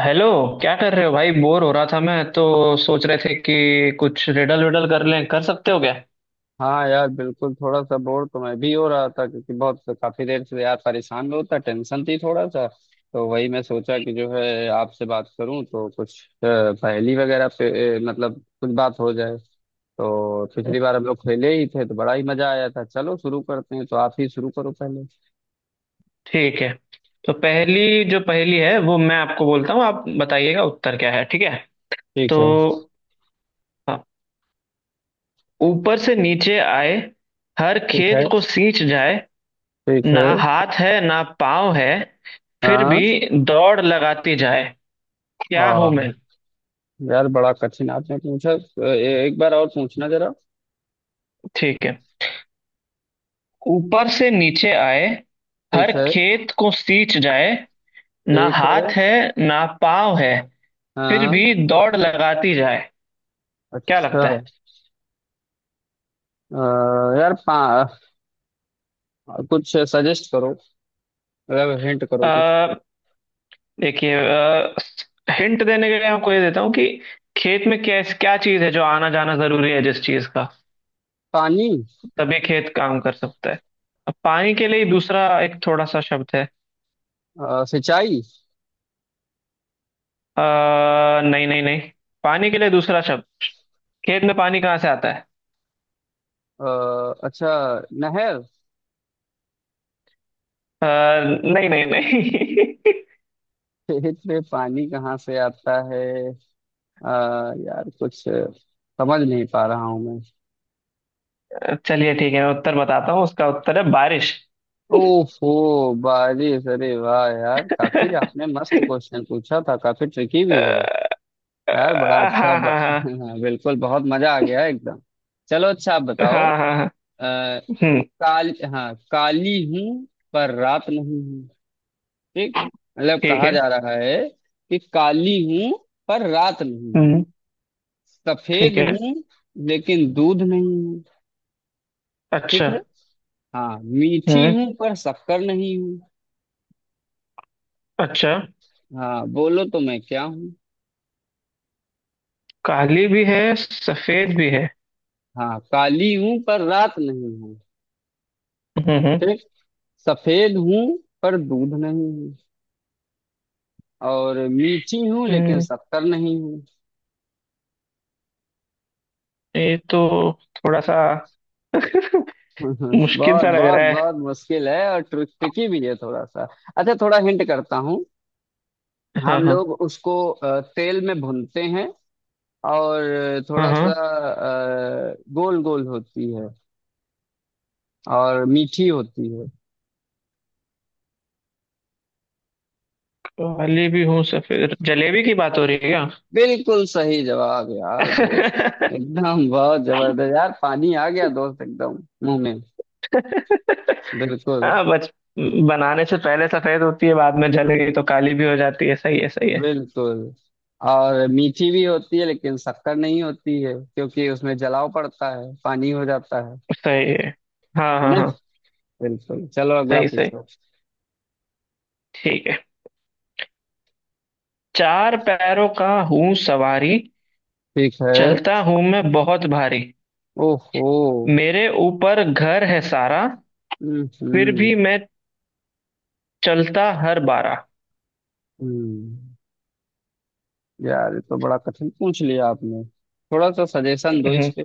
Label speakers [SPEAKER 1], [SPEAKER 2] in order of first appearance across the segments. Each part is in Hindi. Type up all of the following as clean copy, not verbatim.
[SPEAKER 1] हेलो। क्या कर रहे हो भाई? बोर हो रहा था मैं तो, सोच रहे थे कि कुछ रिडल विडल कर लें। कर सकते हो क्या?
[SPEAKER 2] हाँ यार बिल्कुल थोड़ा सा बोर तो मैं भी हो रहा था, क्योंकि बहुत काफी देर से यार परेशान होता, टेंशन थी थोड़ा सा। तो वही मैं सोचा कि जो है आपसे बात करूं, तो कुछ पहेली वगैरह पे मतलब कुछ बात हो जाए। तो पिछली बार हम लोग खेले ही थे तो बड़ा ही मजा आया था। चलो शुरू करते हैं, तो आप ही शुरू करो पहले।
[SPEAKER 1] ठीक है, तो पहली जो पहली है वो मैं आपको बोलता हूँ, आप बताइएगा उत्तर क्या है, ठीक है? तो
[SPEAKER 2] ठीक है।
[SPEAKER 1] हाँ, ऊपर से नीचे आए, हर
[SPEAKER 2] ठीक
[SPEAKER 1] खेत
[SPEAKER 2] है।
[SPEAKER 1] को सींच जाए,
[SPEAKER 2] ठीक
[SPEAKER 1] ना
[SPEAKER 2] है।
[SPEAKER 1] हाथ है ना पाँव है, फिर
[SPEAKER 2] हाँ।
[SPEAKER 1] भी दौड़ लगाती जाए। क्या हूं मैं?
[SPEAKER 2] हाँ यार बड़ा कठिन आपने पूछा, एक बार और पूछना जरा।
[SPEAKER 1] ठीक है। ऊपर से नीचे आए, हर
[SPEAKER 2] ठीक है।
[SPEAKER 1] खेत को सींच जाए, ना
[SPEAKER 2] ठीक है।
[SPEAKER 1] हाथ है ना पाँव है, फिर
[SPEAKER 2] हाँ।
[SPEAKER 1] भी दौड़ लगाती जाए। क्या
[SPEAKER 2] अच्छा।
[SPEAKER 1] लगता है?
[SPEAKER 2] अ, यार कुछ सजेस्ट करो, मतलब हिंट करो कुछ।
[SPEAKER 1] अ, देखिए, हिंट देने के लिए आपको ये देता हूँ कि खेत में कैस क्या चीज है जो आना जाना जरूरी है, जिस चीज का
[SPEAKER 2] पानी।
[SPEAKER 1] तभी खेत काम कर सकता है। अब पानी के लिए दूसरा एक थोड़ा सा शब्द है।
[SPEAKER 2] सिंचाई।
[SPEAKER 1] आ, नहीं नहीं नहीं। पानी के लिए दूसरा शब्द। खेत में पानी कहाँ से आता है?
[SPEAKER 2] अ, अच्छा, नहर।
[SPEAKER 1] अ, नहीं नहीं नहीं।
[SPEAKER 2] खेत में पानी कहाँ से आता है? अ, यार कुछ समझ नहीं पा रहा हूँ मैं।
[SPEAKER 1] चलिए ठीक है, मैं उत्तर बताता हूँ, उसका उत्तर है बारिश।
[SPEAKER 2] ओहो बारिश! अरे वाह यार, काफी आपने मस्त क्वेश्चन पूछा था, काफी ट्रिकी भी है।
[SPEAKER 1] अ,
[SPEAKER 2] यार बड़ा अच्छा
[SPEAKER 1] हाँ हाँ हाँ।
[SPEAKER 2] बिल्कुल बहुत मजा आ गया एकदम। चलो अच्छा आप
[SPEAKER 1] हाँ
[SPEAKER 2] बताओ।
[SPEAKER 1] हाँ हाँ, हम्म।
[SPEAKER 2] काल हाँ, काली हूँ पर रात नहीं हूँ। ठीक। मतलब
[SPEAKER 1] ठीक
[SPEAKER 2] कहा
[SPEAKER 1] है।
[SPEAKER 2] जा रहा है कि काली हूँ पर रात नहीं हूँ।
[SPEAKER 1] हम्म।
[SPEAKER 2] सफेद
[SPEAKER 1] ठीक है।
[SPEAKER 2] हूँ लेकिन दूध नहीं हूँ। ठीक
[SPEAKER 1] अच्छा।
[SPEAKER 2] है। हाँ मीठी
[SPEAKER 1] हम्म।
[SPEAKER 2] हूँ पर शक्कर नहीं हूँ।
[SPEAKER 1] अच्छा।
[SPEAKER 2] हाँ बोलो तो मैं क्या हूँ?
[SPEAKER 1] काली भी है सफेद भी है।
[SPEAKER 2] हाँ काली हूँ पर रात नहीं हूँ।
[SPEAKER 1] हम्म।
[SPEAKER 2] ठीक। सफेद हूँ पर दूध नहीं हूँ। और मीठी हूँ लेकिन
[SPEAKER 1] हम्म,
[SPEAKER 2] शक्कर नहीं हूँ।
[SPEAKER 1] ये तो थोड़ा सा मुश्किल
[SPEAKER 2] बहुत
[SPEAKER 1] सा लग
[SPEAKER 2] बहुत
[SPEAKER 1] रहा है।
[SPEAKER 2] बहुत मुश्किल है और ट्रिकी भी है थोड़ा सा। अच्छा थोड़ा हिंट करता हूँ।
[SPEAKER 1] हाँ
[SPEAKER 2] हम
[SPEAKER 1] हाँ।
[SPEAKER 2] लोग उसको तेल में भूनते हैं और
[SPEAKER 1] हाँ
[SPEAKER 2] थोड़ा सा
[SPEAKER 1] हाँ।
[SPEAKER 2] गोल गोल होती है और मीठी होती है।
[SPEAKER 1] काली भी हूँ सफेद, जलेबी की बात हो रही है क्या?
[SPEAKER 2] बिल्कुल सही जवाब यार दोस्त, एकदम बहुत जबरदस्त यार, पानी आ गया दोस्त एकदम मुंह में। बिल्कुल
[SPEAKER 1] हाँ, बच बनाने से पहले सफेद होती है, बाद में जल गई तो काली भी हो जाती है। सही है, सही है।
[SPEAKER 2] बिल्कुल। और मीठी भी होती है लेकिन शक्कर नहीं होती है, क्योंकि उसमें जलाव पड़ता है, पानी हो जाता है।
[SPEAKER 1] सही है। हाँ
[SPEAKER 2] है
[SPEAKER 1] हाँ
[SPEAKER 2] ना?
[SPEAKER 1] हाँ।
[SPEAKER 2] बिल्कुल, चलो अगला
[SPEAKER 1] सही सही।
[SPEAKER 2] पूछो।
[SPEAKER 1] ठीक है। चार पैरों का हूँ सवारी,
[SPEAKER 2] ठीक है।
[SPEAKER 1] चलता हूँ मैं बहुत भारी,
[SPEAKER 2] ओहो।
[SPEAKER 1] मेरे ऊपर घर है सारा,
[SPEAKER 2] हम्म
[SPEAKER 1] फिर
[SPEAKER 2] हम्म
[SPEAKER 1] भी मैं चलता हर बारा।
[SPEAKER 2] हम्म। यार ये तो बड़ा कठिन पूछ लिया आपने, थोड़ा सा सजेशन दो इस
[SPEAKER 1] हम्म,
[SPEAKER 2] पे।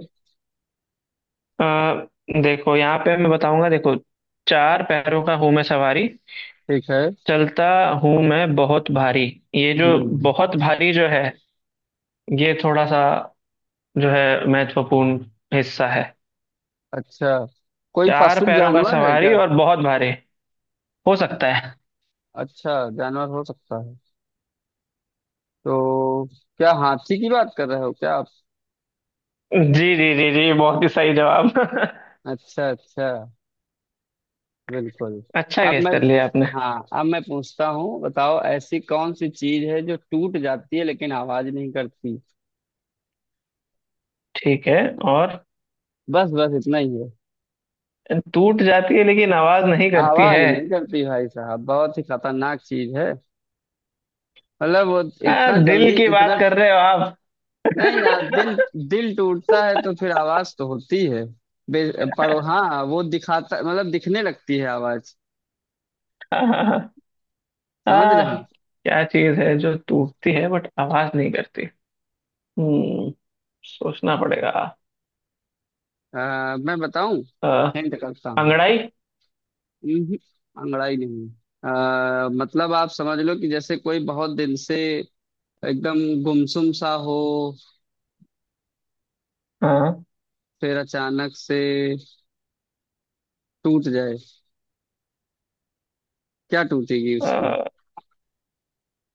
[SPEAKER 1] अ, देखो, यहाँ पे मैं बताऊंगा। देखो, चार पैरों का हूँ मैं सवारी,
[SPEAKER 2] ठीक है।
[SPEAKER 1] चलता हूँ मैं बहुत भारी। ये जो
[SPEAKER 2] हम्म।
[SPEAKER 1] बहुत भारी जो है, ये थोड़ा सा जो है महत्वपूर्ण हिस्सा है।
[SPEAKER 2] अच्छा, कोई
[SPEAKER 1] चार
[SPEAKER 2] पशु
[SPEAKER 1] पैरों का
[SPEAKER 2] जानवर है
[SPEAKER 1] सवारी
[SPEAKER 2] क्या?
[SPEAKER 1] और बहुत भारी, हो सकता है।
[SPEAKER 2] अच्छा जानवर हो सकता है तो क्या हाथी की बात कर रहे हो क्या आप?
[SPEAKER 1] जी जी जी जी, बहुत ही सही जवाब।
[SPEAKER 2] अच्छा अच्छा। बिल्कुल।
[SPEAKER 1] अच्छा,
[SPEAKER 2] अब
[SPEAKER 1] गेस
[SPEAKER 2] मैं,
[SPEAKER 1] कर लिया आपने।
[SPEAKER 2] हाँ अब मैं पूछता हूँ। बताओ ऐसी कौन सी चीज है जो टूट जाती है लेकिन आवाज नहीं करती?
[SPEAKER 1] ठीक है। और
[SPEAKER 2] बस बस इतना ही है।
[SPEAKER 1] टूट जाती है लेकिन आवाज नहीं करती
[SPEAKER 2] आवाज
[SPEAKER 1] है?
[SPEAKER 2] नहीं करती। भाई साहब बहुत ही खतरनाक चीज है, मतलब वो
[SPEAKER 1] आ,
[SPEAKER 2] इतना
[SPEAKER 1] दिल
[SPEAKER 2] जल्दी
[SPEAKER 1] की
[SPEAKER 2] इतना।
[SPEAKER 1] बात कर रहे हो आप?
[SPEAKER 2] नहीं यार दिल, दिल टूटता है तो फिर आवाज तो होती है। पढ़ो हाँ, वो दिखाता मतलब दिखने लगती है आवाज।
[SPEAKER 1] आ,
[SPEAKER 2] समझ रहे हैं?
[SPEAKER 1] क्या चीज है जो टूटती है बट आवाज नहीं करती? हम्म, सोचना पड़ेगा।
[SPEAKER 2] मैं बताऊं
[SPEAKER 1] आ,
[SPEAKER 2] हिंट करता हूँ।
[SPEAKER 1] अंगड़ाई?
[SPEAKER 2] हम्म, अंगड़ाई नहीं। मतलब आप समझ लो कि जैसे कोई बहुत दिन से एकदम गुमसुम सा हो,
[SPEAKER 1] हाँ।
[SPEAKER 2] फिर अचानक से टूट जाए, क्या टूटेगी
[SPEAKER 1] आ,
[SPEAKER 2] उसकी?
[SPEAKER 1] आ,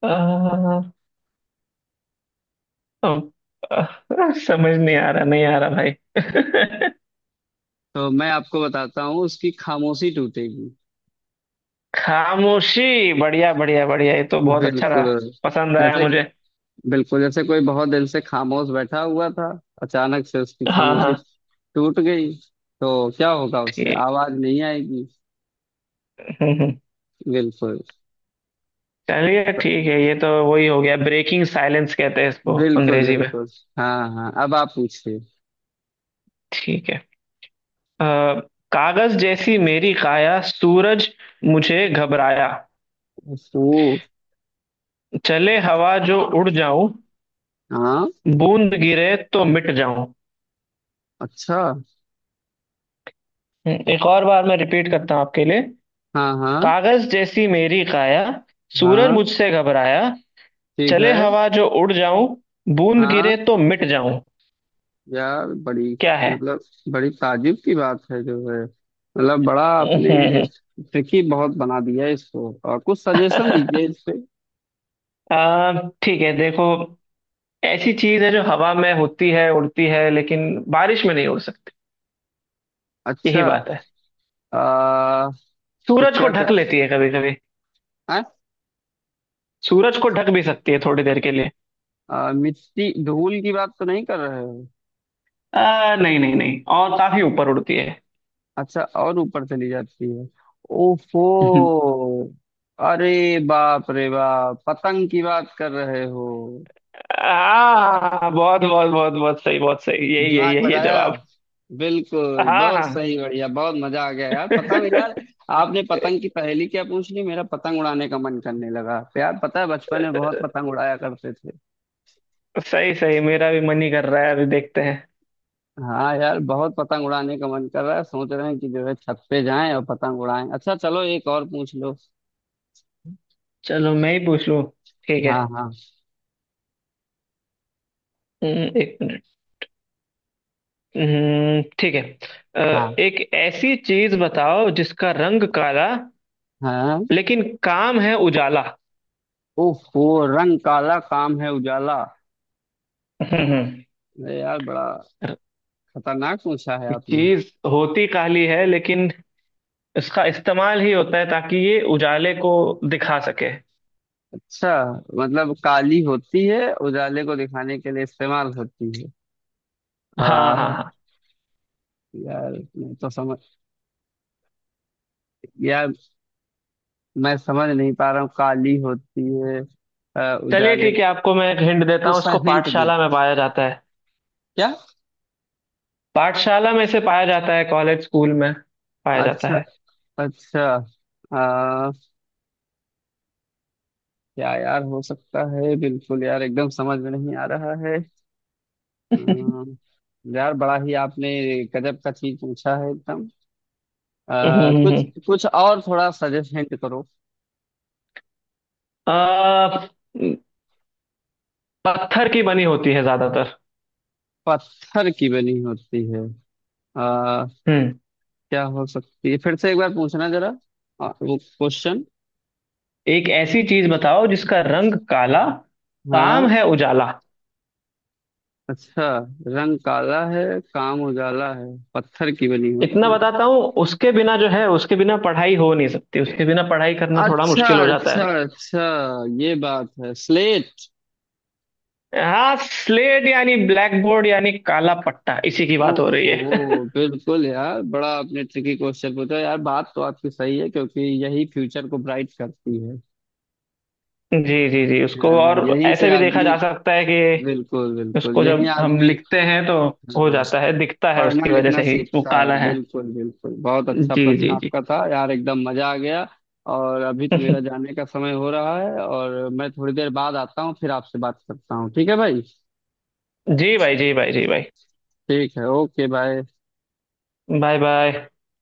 [SPEAKER 1] आ, आ, समझ नहीं आ रहा, नहीं आ रहा भाई।
[SPEAKER 2] तो मैं आपको बताता हूँ उसकी खामोशी टूटेगी।
[SPEAKER 1] खामोशी! बढ़िया बढ़िया बढ़िया, ये तो बहुत अच्छा था।
[SPEAKER 2] बिल्कुल
[SPEAKER 1] पसंद आया
[SPEAKER 2] जैसे,
[SPEAKER 1] मुझे।
[SPEAKER 2] बिल्कुल जैसे कोई बहुत दिन से खामोश बैठा हुआ था, अचानक से उसकी
[SPEAKER 1] हाँ
[SPEAKER 2] खामोशी
[SPEAKER 1] हाँ।
[SPEAKER 2] टूट गई, तो क्या होगा उससे?
[SPEAKER 1] ठीक।
[SPEAKER 2] आवाज नहीं आएगी।
[SPEAKER 1] हम्म,
[SPEAKER 2] बिल्कुल
[SPEAKER 1] चलिए ठीक है, ये तो वही हो गया, ब्रेकिंग साइलेंस कहते हैं इसको
[SPEAKER 2] बिल्कुल
[SPEAKER 1] अंग्रेजी में।
[SPEAKER 2] बिल्कुल। हाँ हाँ अब आप पूछिए।
[SPEAKER 1] ठीक है। अ, कागज जैसी मेरी काया, सूरज मुझे घबराया,
[SPEAKER 2] ओ।
[SPEAKER 1] चले हवा जो उड़ जाऊं,
[SPEAKER 2] हाँ।
[SPEAKER 1] बूंद गिरे तो मिट जाऊं।
[SPEAKER 2] अच्छा।
[SPEAKER 1] एक और बार मैं रिपीट करता हूं आपके लिए।
[SPEAKER 2] हाँ हाँ
[SPEAKER 1] कागज जैसी मेरी काया, सूरज
[SPEAKER 2] हाँ।
[SPEAKER 1] मुझसे घबराया,
[SPEAKER 2] ठीक
[SPEAKER 1] चले
[SPEAKER 2] है।
[SPEAKER 1] हवा जो उड़ जाऊं, बूंद
[SPEAKER 2] हाँ।
[SPEAKER 1] गिरे तो मिट जाऊं।
[SPEAKER 2] यार बड़ी,
[SPEAKER 1] क्या है?
[SPEAKER 2] मतलब बड़ी ताजुब की बात है जो है, मतलब बड़ा
[SPEAKER 1] हम्म,
[SPEAKER 2] आपने
[SPEAKER 1] हम्म,
[SPEAKER 2] ट्रिकी बहुत बना दिया है इसको। और कुछ सजेशन
[SPEAKER 1] हम्म।
[SPEAKER 2] दीजिए इस पे।
[SPEAKER 1] ठीक है, देखो, ऐसी चीज है जो हवा में होती है, उड़ती है, लेकिन बारिश में नहीं उड़ सकती। यही
[SPEAKER 2] अच्छा।
[SPEAKER 1] बात है।
[SPEAKER 2] आ, तो
[SPEAKER 1] सूरज को
[SPEAKER 2] क्या कर
[SPEAKER 1] ढक लेती है कभी कभी।
[SPEAKER 2] हैं?
[SPEAKER 1] सूरज को ढक भी सकती है थोड़ी देर के लिए।
[SPEAKER 2] मिट्टी धूल की बात तो नहीं कर रहे हो?
[SPEAKER 1] आ, नहीं नहीं नहीं, और काफी ऊपर उड़ती है।
[SPEAKER 2] अच्छा और ऊपर चली जाती है। ओफो। अरे बाप रे बाप, पतंग की बात कर रहे हो?
[SPEAKER 1] आ, बहुत बहुत बहुत बहुत सही, बहुत सही, यही यही
[SPEAKER 2] दिमाग
[SPEAKER 1] यही है
[SPEAKER 2] लगाया।
[SPEAKER 1] जवाब।
[SPEAKER 2] बिल्कुल
[SPEAKER 1] हाँ
[SPEAKER 2] बहुत
[SPEAKER 1] हाँ।
[SPEAKER 2] सही, बढ़िया बहुत मजा आ गया यार, पतंग यार! आपने पतंग की पहेली क्या पूछ ली, मेरा पतंग उड़ाने का मन करने लगा। तो यार पता है बचपन में बहुत पतंग उड़ाया करते थे।
[SPEAKER 1] सही सही, मेरा भी मन ही कर रहा है, अभी देखते हैं।
[SPEAKER 2] हाँ यार बहुत पतंग उड़ाने का मन कर रहा है, सोच रहे हैं कि जो है छत पे जाएं और पतंग उड़ाएं। अच्छा चलो एक और पूछ लो।
[SPEAKER 1] चलो मैं ही पूछ लूँ। ठीक है।
[SPEAKER 2] हाँ हाँ।
[SPEAKER 1] एक मिनट। ठीक है। अ,
[SPEAKER 2] हाँ
[SPEAKER 1] एक ऐसी चीज बताओ जिसका रंग काला,
[SPEAKER 2] हाँ।
[SPEAKER 1] लेकिन काम है उजाला।
[SPEAKER 2] ओहो। रंग काला काम है उजाला।
[SPEAKER 1] हम्म।
[SPEAKER 2] अरे यार बड़ा खतरनाक पूछा है आपने।
[SPEAKER 1] चीज होती काली है, लेकिन इसका इस्तेमाल ही होता है ताकि ये उजाले को दिखा सके।
[SPEAKER 2] अच्छा, मतलब काली होती है उजाले को दिखाने के लिए इस्तेमाल होती है।
[SPEAKER 1] हाँ
[SPEAKER 2] आ,
[SPEAKER 1] हाँ हाँ।
[SPEAKER 2] यार मैं तो समझ यार मैं समझ नहीं पा रहा हूँ, काली होती है
[SPEAKER 1] चलिए
[SPEAKER 2] उजाले।
[SPEAKER 1] ठीक है, आपको मैं एक हिंट देता
[SPEAKER 2] कुछ
[SPEAKER 1] हूँ,
[SPEAKER 2] सा
[SPEAKER 1] इसको
[SPEAKER 2] हिंट दे
[SPEAKER 1] पाठशाला में पाया जाता है।
[SPEAKER 2] क्या?
[SPEAKER 1] पाठशाला में से पाया जाता है, कॉलेज स्कूल में पाया जाता
[SPEAKER 2] अच्छा।
[SPEAKER 1] है।
[SPEAKER 2] अच्छा। आ, क्या यार हो सकता है, बिल्कुल यार एकदम समझ में नहीं आ रहा है। अम, यार बड़ा ही आपने गजब का चीज पूछा है एकदम।
[SPEAKER 1] हम्म हम्म
[SPEAKER 2] कुछ
[SPEAKER 1] हम्म।
[SPEAKER 2] कुछ और थोड़ा सजेस्ट हिंट करो।
[SPEAKER 1] आ, पत्थर की बनी होती है ज्यादातर।
[SPEAKER 2] पत्थर की बनी होती है। आ,
[SPEAKER 1] हम्म,
[SPEAKER 2] क्या हो सकती है? फिर से एक बार पूछना जरा, वो क्वेश्चन।
[SPEAKER 1] एक ऐसी चीज बताओ जिसका रंग काला, काम
[SPEAKER 2] हाँ।
[SPEAKER 1] है उजाला।
[SPEAKER 2] अच्छा। रंग काला है, काम उजाला है, पत्थर की बनी
[SPEAKER 1] इतना
[SPEAKER 2] होती है।
[SPEAKER 1] बताता हूँ, उसके बिना जो है, उसके बिना पढ़ाई हो नहीं सकती, उसके बिना पढ़ाई करना थोड़ा
[SPEAKER 2] अच्छा
[SPEAKER 1] मुश्किल हो जाता
[SPEAKER 2] अच्छा
[SPEAKER 1] है।
[SPEAKER 2] अच्छा, ये बात है, स्लेट।
[SPEAKER 1] हाँ, स्लेट यानी ब्लैक बोर्ड यानी काला पट्टा, इसी की बात हो रही है।
[SPEAKER 2] ओहो बिल्कुल! यार बड़ा आपने ट्रिकी क्वेश्चन पूछा, यार बात तो आपकी सही है क्योंकि यही फ्यूचर को ब्राइट करती है।
[SPEAKER 1] जी जी जी, उसको
[SPEAKER 2] हाँ,
[SPEAKER 1] और
[SPEAKER 2] यहीं से
[SPEAKER 1] ऐसे भी देखा
[SPEAKER 2] आदमी,
[SPEAKER 1] जा सकता है कि
[SPEAKER 2] बिल्कुल बिल्कुल
[SPEAKER 1] उसको
[SPEAKER 2] यही
[SPEAKER 1] जब हम
[SPEAKER 2] आदमी,
[SPEAKER 1] लिखते हैं तो हो
[SPEAKER 2] हाँ,
[SPEAKER 1] जाता है, दिखता है,
[SPEAKER 2] पढ़ना
[SPEAKER 1] उसकी वजह
[SPEAKER 2] लिखना
[SPEAKER 1] से ही वो
[SPEAKER 2] सीखता है।
[SPEAKER 1] काला है।
[SPEAKER 2] बिल्कुल बिल्कुल, बहुत अच्छा
[SPEAKER 1] जी
[SPEAKER 2] प्रश्न
[SPEAKER 1] जी जी।
[SPEAKER 2] आपका था यार, एकदम मजा आ गया। और अभी तो मेरा जाने का समय हो रहा है, और मैं थोड़ी देर बाद आता हूँ, फिर आपसे बात करता हूँ, ठीक है भाई।
[SPEAKER 1] जी भाई, जी भाई, जी भाई।
[SPEAKER 2] ठीक है, ओके बाय।
[SPEAKER 1] Bye bye.